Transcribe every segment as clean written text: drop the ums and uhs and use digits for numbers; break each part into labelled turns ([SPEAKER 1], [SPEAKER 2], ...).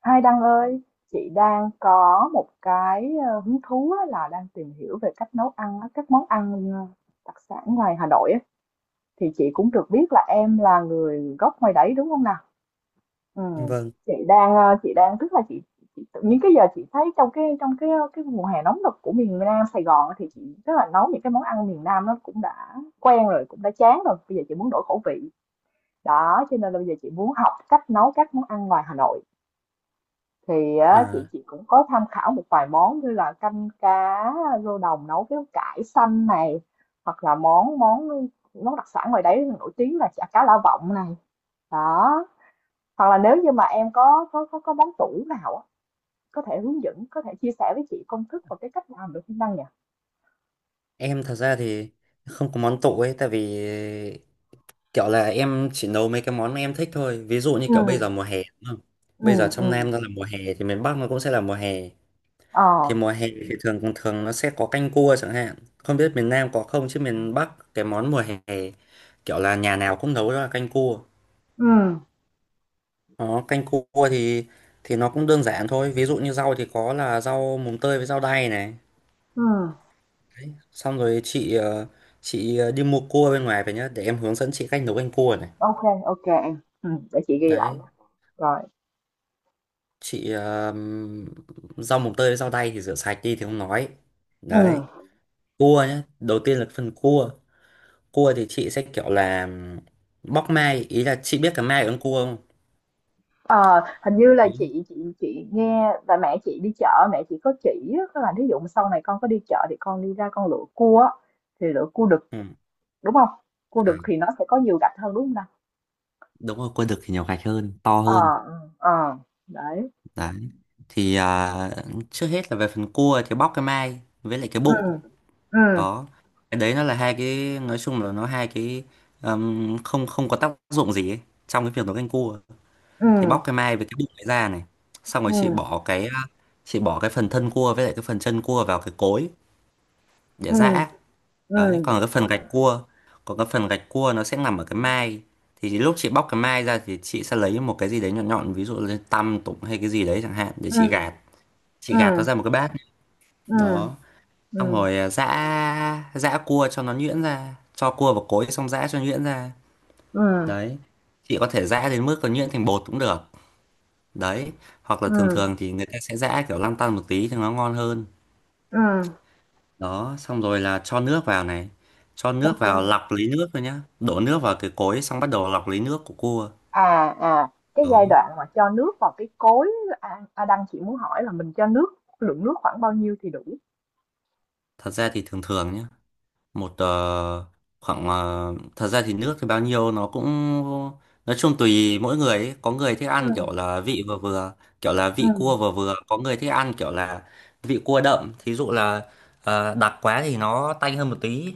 [SPEAKER 1] Hai Đăng ơi, chị đang có một cái hứng thú á, là đang tìm hiểu về cách nấu ăn á, các món ăn đặc sản ngoài Hà Nội á. Thì chị cũng được biết là em là người gốc ngoài đấy, đúng không nào? Ừ.
[SPEAKER 2] Vâng,
[SPEAKER 1] Chị đang ờ, chị đang tức là chị tự nhiên cái giờ chị thấy trong cái cái mùa hè nóng nực của miền Nam Sài Gòn á, thì chị tức là nấu những cái món ăn miền Nam nó cũng đã quen rồi, cũng đã chán rồi. Bây giờ chị muốn đổi khẩu vị. Đó, cho nên là bây giờ chị muốn học cách nấu các món ăn ngoài Hà Nội thì á, chị
[SPEAKER 2] à,
[SPEAKER 1] chị cũng có tham khảo một vài món như là canh cá rô đồng nấu với cải xanh này, hoặc là món món món đặc sản ngoài đấy nổi tiếng là chả cá lã vọng này, đó, hoặc là nếu như mà em có món tủ nào á, có thể hướng dẫn, có thể chia sẻ với chị công thức và cái cách làm được không Đăng nhỉ?
[SPEAKER 2] em thật ra thì không có món tủ ấy, tại vì kiểu là em chỉ nấu mấy cái món mà em thích thôi. Ví dụ như
[SPEAKER 1] Ừ.
[SPEAKER 2] kiểu bây giờ mùa hè, đúng không?
[SPEAKER 1] Ừ.
[SPEAKER 2] Bây giờ
[SPEAKER 1] Ừ.
[SPEAKER 2] trong Nam nó là mùa hè thì miền Bắc nó cũng sẽ là mùa hè. Thì
[SPEAKER 1] Ờ.
[SPEAKER 2] mùa hè thì thường thường thường nó sẽ có canh cua chẳng hạn. Không biết miền Nam có không, chứ miền Bắc cái món mùa hè kiểu là nhà nào cũng nấu đó là canh cua.
[SPEAKER 1] Ừ.
[SPEAKER 2] Đó, canh cua thì nó cũng đơn giản thôi. Ví dụ như rau thì có là rau mùng tơi với rau đay này.
[SPEAKER 1] Ừ.
[SPEAKER 2] Xong rồi chị đi mua cua bên ngoài về nhá để em hướng dẫn chị cách nấu canh cua này.
[SPEAKER 1] OK. OK em, ừ, để chị ghi lại
[SPEAKER 2] Đấy,
[SPEAKER 1] nha. Rồi.
[SPEAKER 2] chị rau mồng tơi với rau đay thì rửa sạch đi thì không nói. Đấy,
[SPEAKER 1] Ừ.
[SPEAKER 2] cua nhá, đầu tiên là phần cua. Cua thì chị sẽ kiểu là bóc mai, ý là chị biết cả mai ở con cua không?
[SPEAKER 1] Ờ, hình như là
[SPEAKER 2] Biết.
[SPEAKER 1] chị chị nghe là mẹ chị đi chợ, mẹ chị có chỉ á, có là ví dụ mà sau này con có đi chợ thì con đi ra con lựa cua á, thì lựa cua đực
[SPEAKER 2] Ừ.
[SPEAKER 1] đúng không? Cua
[SPEAKER 2] À,
[SPEAKER 1] đực thì nó sẽ có nhiều gạch hơn, đúng không nào?
[SPEAKER 2] đúng rồi, cua đực thì nhiều gạch hơn, to
[SPEAKER 1] Ờ.
[SPEAKER 2] hơn.
[SPEAKER 1] Ừ. Ờ. Đấy.
[SPEAKER 2] Đấy, thì à, trước hết là về phần cua thì bóc cái mai với lại cái
[SPEAKER 1] Ừ.
[SPEAKER 2] bụng.
[SPEAKER 1] Ừ.
[SPEAKER 2] Đó, cái đấy nó là hai cái, nói chung là nó hai cái không không có tác dụng gì ấy trong cái việc nấu canh cua.
[SPEAKER 1] Ừ.
[SPEAKER 2] Thì bóc cái mai với cái bụng ấy ra này, xong rồi
[SPEAKER 1] Ừ.
[SPEAKER 2] chị bỏ cái phần thân cua với lại cái phần chân cua vào cái cối để
[SPEAKER 1] Ừ.
[SPEAKER 2] giã. Đấy, còn cái phần gạch cua còn cái phần gạch cua nó sẽ nằm ở cái mai. Thì lúc chị bóc cái mai ra thì chị sẽ lấy một cái gì đấy nhọn nhọn, ví dụ là tăm tụng hay cái gì đấy chẳng hạn để
[SPEAKER 1] Ừ.
[SPEAKER 2] chị gạt
[SPEAKER 1] Ừ.
[SPEAKER 2] chị gạt nó ra một cái bát.
[SPEAKER 1] Ừ.
[SPEAKER 2] Đó,
[SPEAKER 1] Ừ.
[SPEAKER 2] xong
[SPEAKER 1] Ừ.
[SPEAKER 2] rồi giã giã cua cho nó nhuyễn ra, cho cua vào cối xong giã cho nhuyễn ra.
[SPEAKER 1] Ừ.
[SPEAKER 2] Đấy, chị có thể giã đến mức còn nhuyễn thành bột cũng được. Đấy, hoặc là thường thường
[SPEAKER 1] Ừ.
[SPEAKER 2] thì người ta sẽ giã kiểu lăn tăn một tí thì nó ngon hơn.
[SPEAKER 1] Ừ.
[SPEAKER 2] Đó, xong rồi là cho nước vào này, cho nước vào
[SPEAKER 1] OK.
[SPEAKER 2] lọc lấy nước rồi nhá, đổ nước vào cái cối xong bắt đầu lọc lấy nước của cua.
[SPEAKER 1] À. À. Cái
[SPEAKER 2] Đó,
[SPEAKER 1] giai đoạn mà cho nước vào cái cối, à, à đang chị muốn hỏi là mình cho nước, lượng nước khoảng bao nhiêu thì đủ?
[SPEAKER 2] thật ra thì thường thường nhá, một ờ, khoảng thật ra thì nước thì bao nhiêu nó cũng, nói chung tùy mỗi người ấy. Có người thích
[SPEAKER 1] Ừ.
[SPEAKER 2] ăn kiểu là vị vừa vừa, kiểu là
[SPEAKER 1] Ừ.
[SPEAKER 2] vị cua vừa vừa, có người thích ăn kiểu là vị cua đậm, thí dụ là đặc quá thì nó tanh hơn một tí.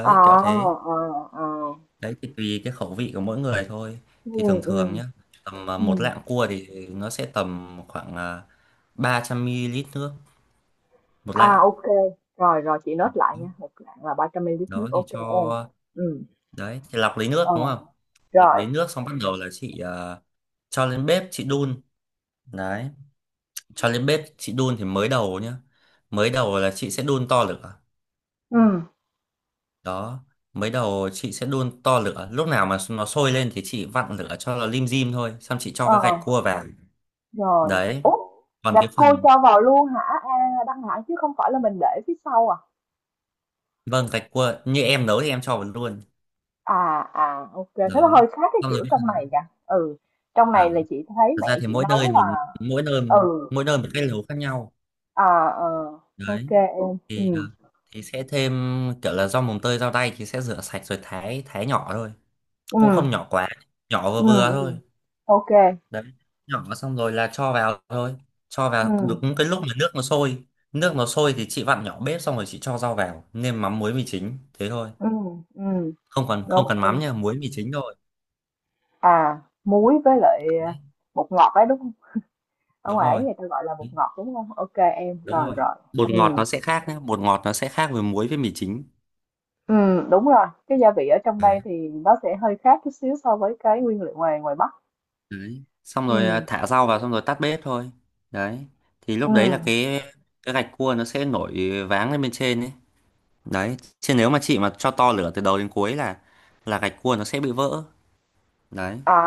[SPEAKER 1] Ờ.
[SPEAKER 2] kiểu thế.
[SPEAKER 1] ờ, ờ.
[SPEAKER 2] Đấy thì tùy cái khẩu vị của mỗi người thôi.
[SPEAKER 1] Ừ.
[SPEAKER 2] Thì thường
[SPEAKER 1] Ừ.
[SPEAKER 2] thường nhá, tầm một
[SPEAKER 1] Ừm.
[SPEAKER 2] lạng cua thì nó sẽ tầm khoảng 300 ml nước một
[SPEAKER 1] À,
[SPEAKER 2] lạng.
[SPEAKER 1] ô, rồi, rồi chị nốt lại nha, một lạng là 300 ml nước,
[SPEAKER 2] Đó thì
[SPEAKER 1] OK
[SPEAKER 2] cho,
[SPEAKER 1] em. Ừ.
[SPEAKER 2] đấy thì lọc lấy nước
[SPEAKER 1] Ờ,
[SPEAKER 2] đúng không. Lọc
[SPEAKER 1] rồi.
[SPEAKER 2] lấy nước xong bắt đầu là chị cho lên bếp chị đun. Đấy, cho lên bếp chị đun thì mới đầu nhá, mới đầu là chị sẽ đun to lửa.
[SPEAKER 1] Ừ.
[SPEAKER 2] Đó, mới đầu chị sẽ đun to lửa, lúc nào mà nó sôi lên thì chị vặn lửa cho nó lim dim thôi, xong chị cho
[SPEAKER 1] Ờ,
[SPEAKER 2] cái gạch cua vào.
[SPEAKER 1] rồi.
[SPEAKER 2] Đấy,
[SPEAKER 1] Úp
[SPEAKER 2] còn cái
[SPEAKER 1] gạch cua
[SPEAKER 2] phần,
[SPEAKER 1] cho vào luôn hả? A, Đăng hả? Chứ không phải là mình để phía sau à?
[SPEAKER 2] vâng, gạch cua như em nấu thì em cho vào luôn.
[SPEAKER 1] À, à, ô, thế
[SPEAKER 2] Đó,
[SPEAKER 1] nó hơi khác cái
[SPEAKER 2] xong rồi
[SPEAKER 1] kiểu
[SPEAKER 2] cái
[SPEAKER 1] trong
[SPEAKER 2] phần
[SPEAKER 1] này kìa. Ừ, trong này
[SPEAKER 2] à,
[SPEAKER 1] là chị thấy
[SPEAKER 2] thật
[SPEAKER 1] mẹ
[SPEAKER 2] ra thì
[SPEAKER 1] chị nấu là
[SPEAKER 2] mỗi nơi
[SPEAKER 1] ừ,
[SPEAKER 2] mỗi nơi một cái nấu khác nhau.
[SPEAKER 1] à, ờ, ô
[SPEAKER 2] Đấy
[SPEAKER 1] em, ừ,
[SPEAKER 2] thì ờ, thì sẽ thêm, kiểu là rau mồng tơi rau đay thì sẽ rửa sạch rồi thái thái nhỏ thôi,
[SPEAKER 1] ừ,
[SPEAKER 2] cũng không nhỏ quá, nhỏ
[SPEAKER 1] ừ
[SPEAKER 2] vừa vừa
[SPEAKER 1] ừm.
[SPEAKER 2] thôi.
[SPEAKER 1] Ô.
[SPEAKER 2] Đấy, nhỏ xong rồi là cho vào thôi, cho
[SPEAKER 1] Ừ.
[SPEAKER 2] vào đúng cái lúc mà nước nó sôi. Nước nó sôi thì chị vặn nhỏ bếp, xong rồi chị cho rau vào nêm mắm muối mì chính thế thôi.
[SPEAKER 1] Ừm,
[SPEAKER 2] Không cần
[SPEAKER 1] đúng.
[SPEAKER 2] mắm nha, muối mì chính thôi.
[SPEAKER 1] À, muối với lại, à,
[SPEAKER 2] Đấy,
[SPEAKER 1] bột ngọt ấy, đúng không? Ở
[SPEAKER 2] đúng
[SPEAKER 1] ngoài
[SPEAKER 2] rồi,
[SPEAKER 1] ấy người ta gọi là bột ngọt, đúng không? OK em,
[SPEAKER 2] đúng
[SPEAKER 1] rồi,
[SPEAKER 2] rồi,
[SPEAKER 1] rồi.
[SPEAKER 2] bột ngọt
[SPEAKER 1] Ừ.
[SPEAKER 2] nó sẽ khác nhé, bột ngọt nó sẽ khác với muối với mì chính.
[SPEAKER 1] Ừ. Đúng rồi, cái gia vị ở trong đây thì nó sẽ hơi khác chút xíu so với cái nguyên liệu ngoài ngoài Bắc.
[SPEAKER 2] Đấy, xong rồi
[SPEAKER 1] Ừ.
[SPEAKER 2] thả rau vào xong rồi tắt bếp thôi. Đấy, thì
[SPEAKER 1] Ừ.
[SPEAKER 2] lúc đấy là cái gạch cua nó sẽ nổi váng lên bên trên ấy. Đấy, chứ nếu mà chị mà cho to lửa từ đầu đến cuối là gạch cua nó sẽ bị vỡ. Đấy,
[SPEAKER 1] À,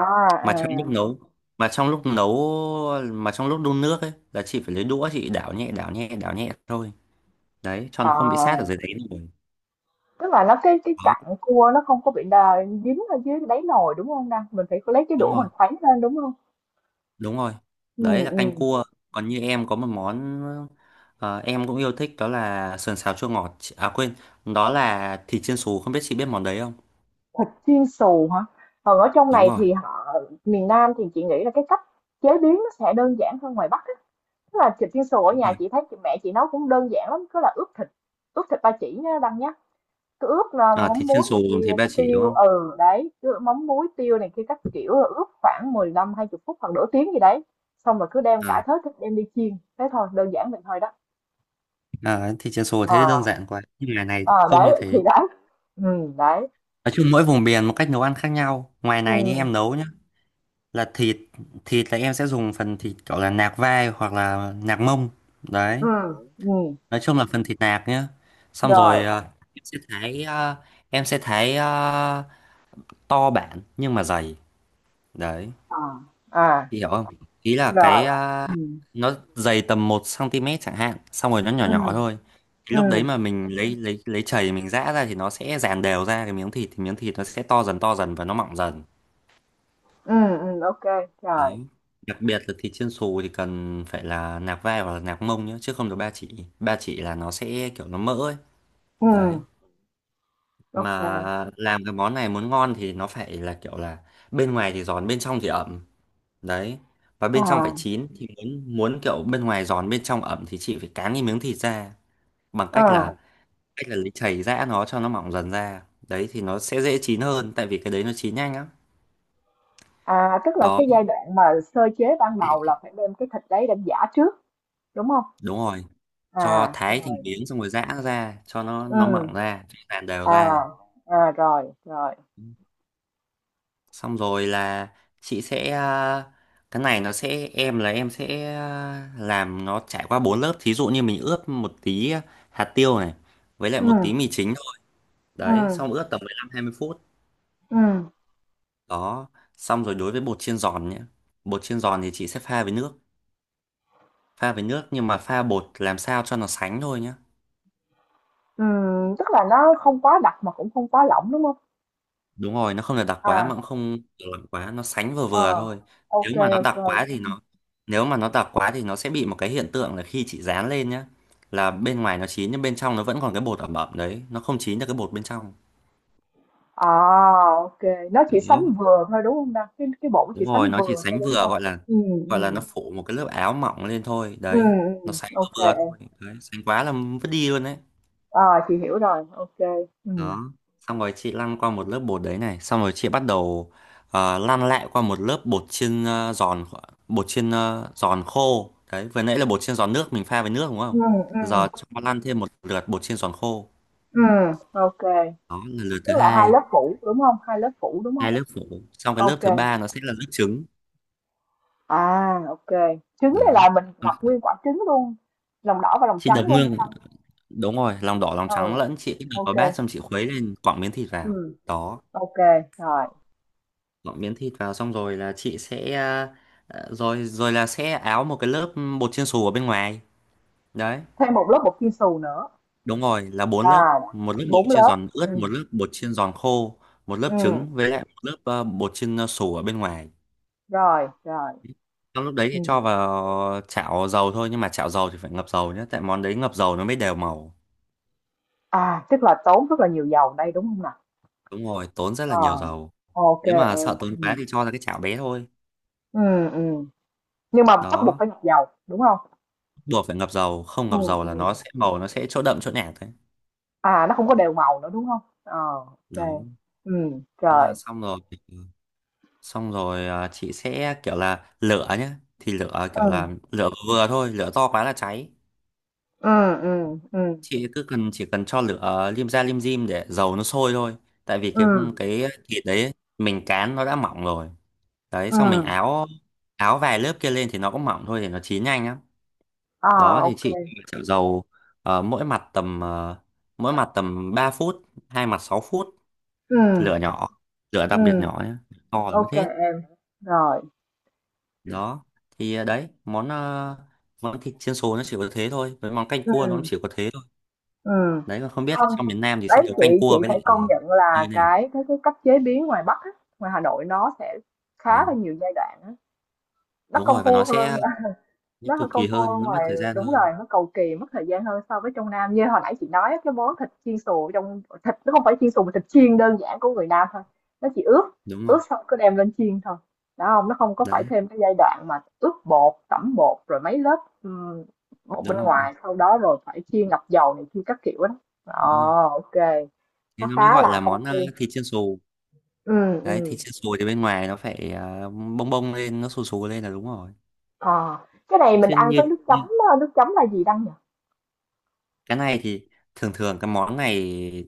[SPEAKER 1] à,
[SPEAKER 2] mà trong lúc nấu, mà trong lúc nấu mà trong lúc đun nước ấy là chị phải lấy đũa chị đảo nhẹ đảo nhẹ đảo nhẹ thôi, đấy, cho nó không bị sát ở
[SPEAKER 1] à,
[SPEAKER 2] dưới đáy rồi.
[SPEAKER 1] tức là nó cái
[SPEAKER 2] Đấy,
[SPEAKER 1] chặn cua nó không có bị đà dính ở dưới đáy nồi, đúng không nè? Mình phải lấy cái
[SPEAKER 2] đúng
[SPEAKER 1] đũa
[SPEAKER 2] rồi,
[SPEAKER 1] mình khuấy lên, đúng không?
[SPEAKER 2] đúng rồi,
[SPEAKER 1] Ừ.
[SPEAKER 2] đấy là
[SPEAKER 1] Ừ.
[SPEAKER 2] canh cua. Còn như em có một món em cũng yêu thích đó là sườn xào chua ngọt, à quên, đó là thịt chiên xù, không biết chị biết món đấy không.
[SPEAKER 1] Thịt chiên xù hả? Còn ở trong
[SPEAKER 2] Đúng
[SPEAKER 1] này
[SPEAKER 2] rồi,
[SPEAKER 1] thì họ, miền Nam thì chị nghĩ là cái cách chế biến nó sẽ đơn giản hơn ngoài Bắc á. Tức là thịt chiên xù ở
[SPEAKER 2] đúng
[SPEAKER 1] nhà
[SPEAKER 2] rồi.
[SPEAKER 1] chị thấy mẹ chị nấu cũng đơn giản lắm, cứ là ướp thịt ba chỉ nhá Đăng nhá. Cứ ướp là
[SPEAKER 2] À,
[SPEAKER 1] mắm
[SPEAKER 2] thịt chiên
[SPEAKER 1] muối
[SPEAKER 2] xù
[SPEAKER 1] này
[SPEAKER 2] dùng
[SPEAKER 1] kia,
[SPEAKER 2] thịt ba chỉ đúng
[SPEAKER 1] tiêu,
[SPEAKER 2] không?
[SPEAKER 1] ừ đấy, cứ mắm muối tiêu này kia các kiểu là ướp khoảng 15 hai 20 phút hoặc nửa tiếng gì đấy. Xong rồi cứ đem
[SPEAKER 2] à,
[SPEAKER 1] cả thớ thịt đem đi chiên. Thế thôi, đơn giản vậy thôi đó.
[SPEAKER 2] Thịt chiên xù
[SPEAKER 1] Ờ,
[SPEAKER 2] thế đơn giản quá, nhưng ngoài này
[SPEAKER 1] à,
[SPEAKER 2] thì
[SPEAKER 1] à,
[SPEAKER 2] không như
[SPEAKER 1] đấy thì
[SPEAKER 2] thế.
[SPEAKER 1] đấy. Ừ đấy.
[SPEAKER 2] Nói chung mỗi vùng miền một cách nấu ăn khác nhau, ngoài
[SPEAKER 1] Ừ.
[SPEAKER 2] này như em nấu nhá, là thịt thịt là em sẽ dùng phần thịt gọi là nạc vai hoặc là nạc mông. Đấy,
[SPEAKER 1] Ừ. Ừ.
[SPEAKER 2] nói chung là phần thịt nạc nhá, xong
[SPEAKER 1] Rồi.
[SPEAKER 2] rồi ờ, em sẽ thái ờ, em sẽ thái ờ, to bản nhưng mà dày. Đấy,
[SPEAKER 1] À. À.
[SPEAKER 2] chị hiểu không, ý là
[SPEAKER 1] Rồi. Ừm,
[SPEAKER 2] nó dày tầm 1 cm chẳng hạn, xong rồi nó nhỏ
[SPEAKER 1] ừm,
[SPEAKER 2] nhỏ thôi. Cái lúc đấy
[SPEAKER 1] ừm,
[SPEAKER 2] mà mình lấy chày mình giã ra thì nó sẽ dàn đều ra cái miếng thịt, thì miếng thịt nó sẽ to dần và nó mọng dần.
[SPEAKER 1] ô, rồi,
[SPEAKER 2] Đấy, đặc biệt là thịt chiên xù thì cần phải là nạc vai hoặc là nạc mông nhé, chứ không được ba chỉ. Ba chỉ là nó sẽ kiểu nó mỡ ấy.
[SPEAKER 1] ừm,
[SPEAKER 2] Đấy,
[SPEAKER 1] ô, à,
[SPEAKER 2] mà làm cái món này muốn ngon thì nó phải là kiểu là bên ngoài thì giòn, bên trong thì ẩm. Đấy, và bên trong phải
[SPEAKER 1] à,
[SPEAKER 2] chín, thì muốn muốn kiểu bên ngoài giòn bên trong ẩm thì chị phải cán cái miếng thịt ra, bằng cách là, cách là lấy chày giã nó cho nó mỏng dần ra. Đấy thì nó sẽ dễ chín hơn, tại vì cái đấy nó chín nhanh lắm.
[SPEAKER 1] à, tức là
[SPEAKER 2] Đó,
[SPEAKER 1] cái giai đoạn mà sơ chế ban đầu là phải đem cái thịt đấy đem giã trước, đúng không?
[SPEAKER 2] đúng rồi, cho
[SPEAKER 1] À,
[SPEAKER 2] thái thành
[SPEAKER 1] rồi,
[SPEAKER 2] miếng xong rồi giã nó ra cho nó
[SPEAKER 1] ừm,
[SPEAKER 2] mỏng ra cho nó dàn đều
[SPEAKER 1] à,
[SPEAKER 2] ra.
[SPEAKER 1] à, rồi, rồi,
[SPEAKER 2] Xong rồi là chị sẽ à, cái này nó sẽ, em là em sẽ à, làm nó trải qua bốn lớp, thí dụ như mình ướp một tí hạt tiêu này với lại một tí
[SPEAKER 1] ừm,
[SPEAKER 2] mì chính thôi. Đấy,
[SPEAKER 1] ừm,
[SPEAKER 2] xong ướp tầm 15-20 phút.
[SPEAKER 1] ừm,
[SPEAKER 2] Đó, xong rồi đối với bột chiên giòn nhé, bột chiên giòn thì chị sẽ pha với nước, nhưng mà pha bột làm sao cho nó sánh thôi nhé.
[SPEAKER 1] tức là nó không quá đặc mà cũng không quá lỏng, đúng không?
[SPEAKER 2] Đúng rồi, nó không được đặc quá
[SPEAKER 1] À,
[SPEAKER 2] mà cũng không được lỏng quá, nó sánh vừa
[SPEAKER 1] ờ,
[SPEAKER 2] vừa thôi.
[SPEAKER 1] ô
[SPEAKER 2] nếu
[SPEAKER 1] kê,
[SPEAKER 2] mà nó đặc quá thì nó Nếu mà nó đặc quá thì nó sẽ bị một cái hiện tượng là khi chị dán lên nhá, là bên ngoài nó chín nhưng bên trong nó vẫn còn cái bột ẩm ẩm đấy, nó không chín được cái bột bên trong.
[SPEAKER 1] à, ô, nó chỉ sánh
[SPEAKER 2] Đó,
[SPEAKER 1] vừa thôi, đúng không ta? Cái bộ chỉ
[SPEAKER 2] đúng rồi,
[SPEAKER 1] sánh
[SPEAKER 2] nó chỉ
[SPEAKER 1] vừa thôi,
[SPEAKER 2] sánh vừa,
[SPEAKER 1] đúng
[SPEAKER 2] gọi
[SPEAKER 1] không?
[SPEAKER 2] là gọi là nó phủ một cái lớp áo mỏng lên thôi.
[SPEAKER 1] Ừ.
[SPEAKER 2] Đấy,
[SPEAKER 1] Ừ.
[SPEAKER 2] nó sánh
[SPEAKER 1] OK
[SPEAKER 2] vừa vừa
[SPEAKER 1] kê.
[SPEAKER 2] thôi, đấy, sánh quá là vứt đi luôn đấy.
[SPEAKER 1] Ờ, chị hiểu rồi, OK. Ừ.
[SPEAKER 2] Đó, xong rồi chị lăn qua một lớp bột đấy này, xong rồi chị bắt đầu lăn lại qua một lớp bột chiên giòn, bột chiên giòn khô. Đấy, vừa nãy là bột chiên giòn nước mình pha với nước đúng
[SPEAKER 1] Ừ.
[SPEAKER 2] không,
[SPEAKER 1] Ừ. Ừm.
[SPEAKER 2] giờ cho lăn thêm một lượt bột chiên giòn khô,
[SPEAKER 1] Ừm.
[SPEAKER 2] đó là lượt
[SPEAKER 1] Tức
[SPEAKER 2] thứ
[SPEAKER 1] là 2
[SPEAKER 2] hai.
[SPEAKER 1] lớp phủ, đúng không? Hai lớp phủ, đúng
[SPEAKER 2] Hai
[SPEAKER 1] không?
[SPEAKER 2] lớp phủ xong, cái lớp
[SPEAKER 1] OK
[SPEAKER 2] thứ
[SPEAKER 1] kê,
[SPEAKER 2] ba nó sẽ là lớp trứng.
[SPEAKER 1] à, ô, trứng này
[SPEAKER 2] Đấy,
[SPEAKER 1] là mình đặt nguyên quả trứng luôn, lòng đỏ và lòng
[SPEAKER 2] chị đập
[SPEAKER 1] trắng luôn hả
[SPEAKER 2] ngương,
[SPEAKER 1] Đăng?
[SPEAKER 2] đúng rồi, lòng đỏ lòng trắng lẫn,
[SPEAKER 1] Ừ,
[SPEAKER 2] chị đập
[SPEAKER 1] ô
[SPEAKER 2] vào
[SPEAKER 1] kê,
[SPEAKER 2] bát xong chị khuấy lên, quẳng miếng thịt vào.
[SPEAKER 1] ừm,
[SPEAKER 2] Đó,
[SPEAKER 1] rồi.
[SPEAKER 2] dọn miếng thịt vào xong rồi là chị sẽ rồi rồi là sẽ áo một cái lớp bột chiên xù ở bên ngoài. Đấy,
[SPEAKER 1] Thêm một lớp bột chiên xù nữa,
[SPEAKER 2] đúng rồi, là bốn lớp,
[SPEAKER 1] à,
[SPEAKER 2] một lớp bột
[SPEAKER 1] 4
[SPEAKER 2] chiên
[SPEAKER 1] lớp,
[SPEAKER 2] giòn ướt, một lớp bột chiên giòn khô, một lớp
[SPEAKER 1] ừm,
[SPEAKER 2] trứng với lại một lớp bột chiên xù ở bên ngoài.
[SPEAKER 1] rồi, rồi,
[SPEAKER 2] Trong lúc đấy thì
[SPEAKER 1] ừm.
[SPEAKER 2] cho vào chảo dầu thôi, nhưng mà chảo dầu thì phải ngập dầu nhé, tại món đấy ngập dầu nó mới đều màu.
[SPEAKER 1] À, tức là tốn rất là nhiều dầu đây, đúng không nào?
[SPEAKER 2] Đúng rồi, tốn rất là
[SPEAKER 1] Ờ,
[SPEAKER 2] nhiều dầu.
[SPEAKER 1] OK
[SPEAKER 2] Nếu mà
[SPEAKER 1] em,
[SPEAKER 2] sợ
[SPEAKER 1] ừ,
[SPEAKER 2] tốn quá thì cho ra cái chảo bé thôi.
[SPEAKER 1] ừ, ừm. Nhưng mà bắt buộc
[SPEAKER 2] Đó,
[SPEAKER 1] phải ngập dầu, đúng không?
[SPEAKER 2] buộc phải ngập dầu, không ngập
[SPEAKER 1] Ừm,
[SPEAKER 2] dầu là nó
[SPEAKER 1] ừm.
[SPEAKER 2] sẽ màu, nó sẽ chỗ đậm chỗ nhạt đấy.
[SPEAKER 1] À, nó không có đều màu nữa, đúng không? Ờ, ô kê.
[SPEAKER 2] Đó. Thế là
[SPEAKER 1] Rồi,
[SPEAKER 2] xong rồi, xong rồi chị sẽ kiểu là lửa nhá, thì lửa kiểu là
[SPEAKER 1] ừm,
[SPEAKER 2] lửa vừa thôi, lửa to quá là cháy.
[SPEAKER 1] ừm, ừm, ừm,
[SPEAKER 2] Chị cứ cần, chỉ cần cho lửa lim dim để dầu nó sôi thôi, tại vì cái
[SPEAKER 1] ừm,
[SPEAKER 2] cái thịt đấy mình cán nó đã mỏng rồi. Đấy, xong mình
[SPEAKER 1] ừm,
[SPEAKER 2] áo áo vài lớp kia lên thì nó cũng mỏng thôi, thì nó chín nhanh lắm.
[SPEAKER 1] OK,
[SPEAKER 2] Đó
[SPEAKER 1] ô
[SPEAKER 2] thì chị
[SPEAKER 1] kê,
[SPEAKER 2] chảo dầu mỗi mặt tầm 3 phút, hai mặt 6 phút,
[SPEAKER 1] ừm,
[SPEAKER 2] lửa nhỏ, lửa đặc biệt nhỏ nhé, to là mất hết.
[SPEAKER 1] em, rồi,
[SPEAKER 2] Đó thì đấy món món thịt chiên xù nó chỉ có thế thôi, với món canh cua nó cũng
[SPEAKER 1] ừm,
[SPEAKER 2] chỉ có thế thôi.
[SPEAKER 1] ừm.
[SPEAKER 2] Đấy, còn không biết là
[SPEAKER 1] Không,
[SPEAKER 2] trong miền Nam thì sẽ
[SPEAKER 1] đấy,
[SPEAKER 2] nấu
[SPEAKER 1] chị
[SPEAKER 2] canh
[SPEAKER 1] chị
[SPEAKER 2] cua với
[SPEAKER 1] phải
[SPEAKER 2] lại
[SPEAKER 1] công nhận
[SPEAKER 2] như
[SPEAKER 1] là
[SPEAKER 2] thế nào.
[SPEAKER 1] cái cách chế biến ngoài Bắc á, ngoài Hà Nội nó sẽ khá
[SPEAKER 2] Ừ.
[SPEAKER 1] là nhiều giai đoạn á, nó
[SPEAKER 2] Đúng
[SPEAKER 1] công
[SPEAKER 2] rồi, và
[SPEAKER 1] phu hơn.
[SPEAKER 2] nó
[SPEAKER 1] Nó hơi
[SPEAKER 2] cực
[SPEAKER 1] công
[SPEAKER 2] kỳ
[SPEAKER 1] phu
[SPEAKER 2] hơn,
[SPEAKER 1] hơn
[SPEAKER 2] nó mất
[SPEAKER 1] ngoài
[SPEAKER 2] thời gian
[SPEAKER 1] đúng rồi,
[SPEAKER 2] hơn.
[SPEAKER 1] nó cầu kỳ, mất thời gian hơn so với trong Nam. Như hồi nãy chị nói á, cái món thịt chiên xù ở trong, thịt nó không phải chiên xù mà thịt chiên đơn giản của người Nam thôi. Nó chỉ ướp,
[SPEAKER 2] Đúng rồi.
[SPEAKER 1] ướp xong cứ đem lên chiên thôi. Đó không? Nó không có phải
[SPEAKER 2] Đấy,
[SPEAKER 1] thêm cái giai đoạn mà ướp bột, tẩm bột rồi mấy lớp, ừm, bột bên
[SPEAKER 2] đúng rồi,
[SPEAKER 1] ngoài, sau đó rồi phải chiên ngập dầu này kia các kiểu đó.
[SPEAKER 2] đúng rồi,
[SPEAKER 1] Ồ, OK.
[SPEAKER 2] thế
[SPEAKER 1] Nó
[SPEAKER 2] nó mới
[SPEAKER 1] khá
[SPEAKER 2] gọi
[SPEAKER 1] là
[SPEAKER 2] là
[SPEAKER 1] công
[SPEAKER 2] món
[SPEAKER 1] phu.
[SPEAKER 2] thịt chiên xù.
[SPEAKER 1] Ừ.
[SPEAKER 2] Đấy,
[SPEAKER 1] Ừ.
[SPEAKER 2] thịt chiên xù thì bên ngoài nó phải bông bông lên, nó xù xù lên là đúng rồi.
[SPEAKER 1] Ờ. Cái này
[SPEAKER 2] Đấy,
[SPEAKER 1] mình
[SPEAKER 2] chứ
[SPEAKER 1] ăn
[SPEAKER 2] như
[SPEAKER 1] với nước chấm,
[SPEAKER 2] như
[SPEAKER 1] á, nước chấm là gì Đăng nhỉ?
[SPEAKER 2] cái này thì thường thường cái món này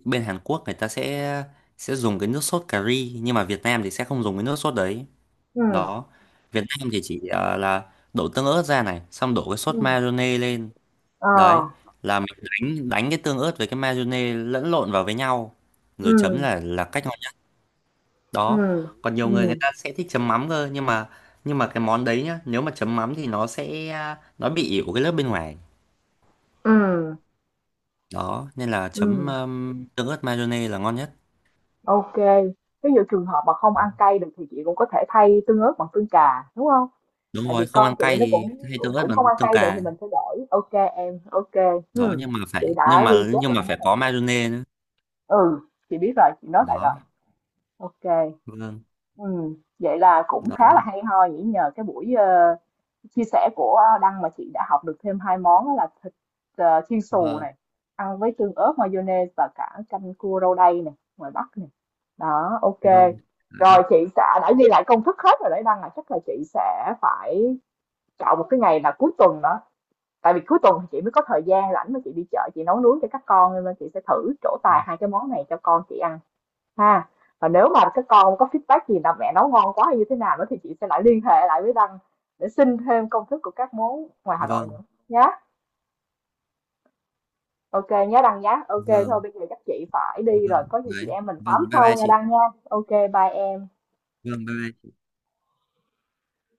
[SPEAKER 2] bên Hàn Quốc người ta sẽ dùng cái nước sốt cà ri, nhưng mà Việt Nam thì sẽ không dùng cái nước sốt đấy.
[SPEAKER 1] Ừ.
[SPEAKER 2] Đó, Việt Nam thì chỉ là đổ tương ớt ra này xong đổ cái sốt
[SPEAKER 1] Ừ.
[SPEAKER 2] mayonnaise lên.
[SPEAKER 1] Ờ.
[SPEAKER 2] Đấy, là mình đánh đánh cái tương ớt với cái mayonnaise lẫn lộn vào với nhau rồi chấm
[SPEAKER 1] Ừ.
[SPEAKER 2] là cách ngon nhất.
[SPEAKER 1] Ừ.
[SPEAKER 2] Đó, còn nhiều người người
[SPEAKER 1] Ừ.
[SPEAKER 2] ta sẽ thích chấm mắm cơ, nhưng mà cái món đấy nhá, nếu mà chấm mắm thì nó sẽ nó bị ỉu cái lớp bên ngoài.
[SPEAKER 1] Ừ.
[SPEAKER 2] Đó, nên là chấm
[SPEAKER 1] Ừ.
[SPEAKER 2] tương ớt mayonnaise là ngon nhất.
[SPEAKER 1] OK kê. Ví dụ trường hợp mà không ăn cay được thì chị cũng có thể thay tương ớt bằng tương cà, đúng không?
[SPEAKER 2] Đúng
[SPEAKER 1] Tại vì
[SPEAKER 2] rồi, không
[SPEAKER 1] con
[SPEAKER 2] ăn
[SPEAKER 1] chị
[SPEAKER 2] cay
[SPEAKER 1] nó
[SPEAKER 2] thì
[SPEAKER 1] cũng
[SPEAKER 2] hay
[SPEAKER 1] cũng
[SPEAKER 2] tương ớt
[SPEAKER 1] cũng không
[SPEAKER 2] bằng
[SPEAKER 1] ăn
[SPEAKER 2] tương
[SPEAKER 1] cay được thì
[SPEAKER 2] cà.
[SPEAKER 1] mình sẽ đổi. OK em, OK kê.
[SPEAKER 2] Đó, nhưng mà
[SPEAKER 1] Chị
[SPEAKER 2] phải,
[SPEAKER 1] đã ghi chép lại hết rồi
[SPEAKER 2] có
[SPEAKER 1] đó.
[SPEAKER 2] mayonnaise nữa.
[SPEAKER 1] Ừ, chị biết rồi, chị nói lại rồi.
[SPEAKER 2] Đó,
[SPEAKER 1] OK.
[SPEAKER 2] vâng.
[SPEAKER 1] Ừ, vậy là cũng
[SPEAKER 2] Đó,
[SPEAKER 1] khá là hay ho nhỉ, nhờ cái buổi chia sẻ của Đăng mà chị đã học được thêm hai món, đó là thịt chiên xù
[SPEAKER 2] vâng,
[SPEAKER 1] này ăn với tương ớt mayonnaise và cả canh cua rau đay này ngoài Bắc này, đó, OK
[SPEAKER 2] vâng, vâng,
[SPEAKER 1] rồi, chị sẽ đã ghi lại công thức hết rồi đấy Đăng, là chắc là chị sẽ phải chọn một cái ngày là cuối tuần đó, tại vì cuối tuần thì chị mới có thời gian rảnh mà chị đi chợ chị nấu nướng cho các con, nên là chị sẽ thử trổ tài hai cái món này cho con chị ăn. Ha, và nếu mà các con có feedback gì là mẹ nấu ngon quá hay như thế nào nữa thì chị sẽ lại liên hệ lại với Đăng để xin thêm công thức của các món ngoài Hà Nội
[SPEAKER 2] vâng,
[SPEAKER 1] nữa nhé. OK nhé Đăng nhé. OK thôi
[SPEAKER 2] vâng,
[SPEAKER 1] bây giờ chắc chị phải đi rồi,
[SPEAKER 2] vâng.
[SPEAKER 1] có gì chị
[SPEAKER 2] Đấy,
[SPEAKER 1] em mình
[SPEAKER 2] vâng,
[SPEAKER 1] tám
[SPEAKER 2] bye
[SPEAKER 1] sau
[SPEAKER 2] bye
[SPEAKER 1] nha
[SPEAKER 2] chị.
[SPEAKER 1] Đăng nha. OK bye em.
[SPEAKER 2] Vâng, bye bye.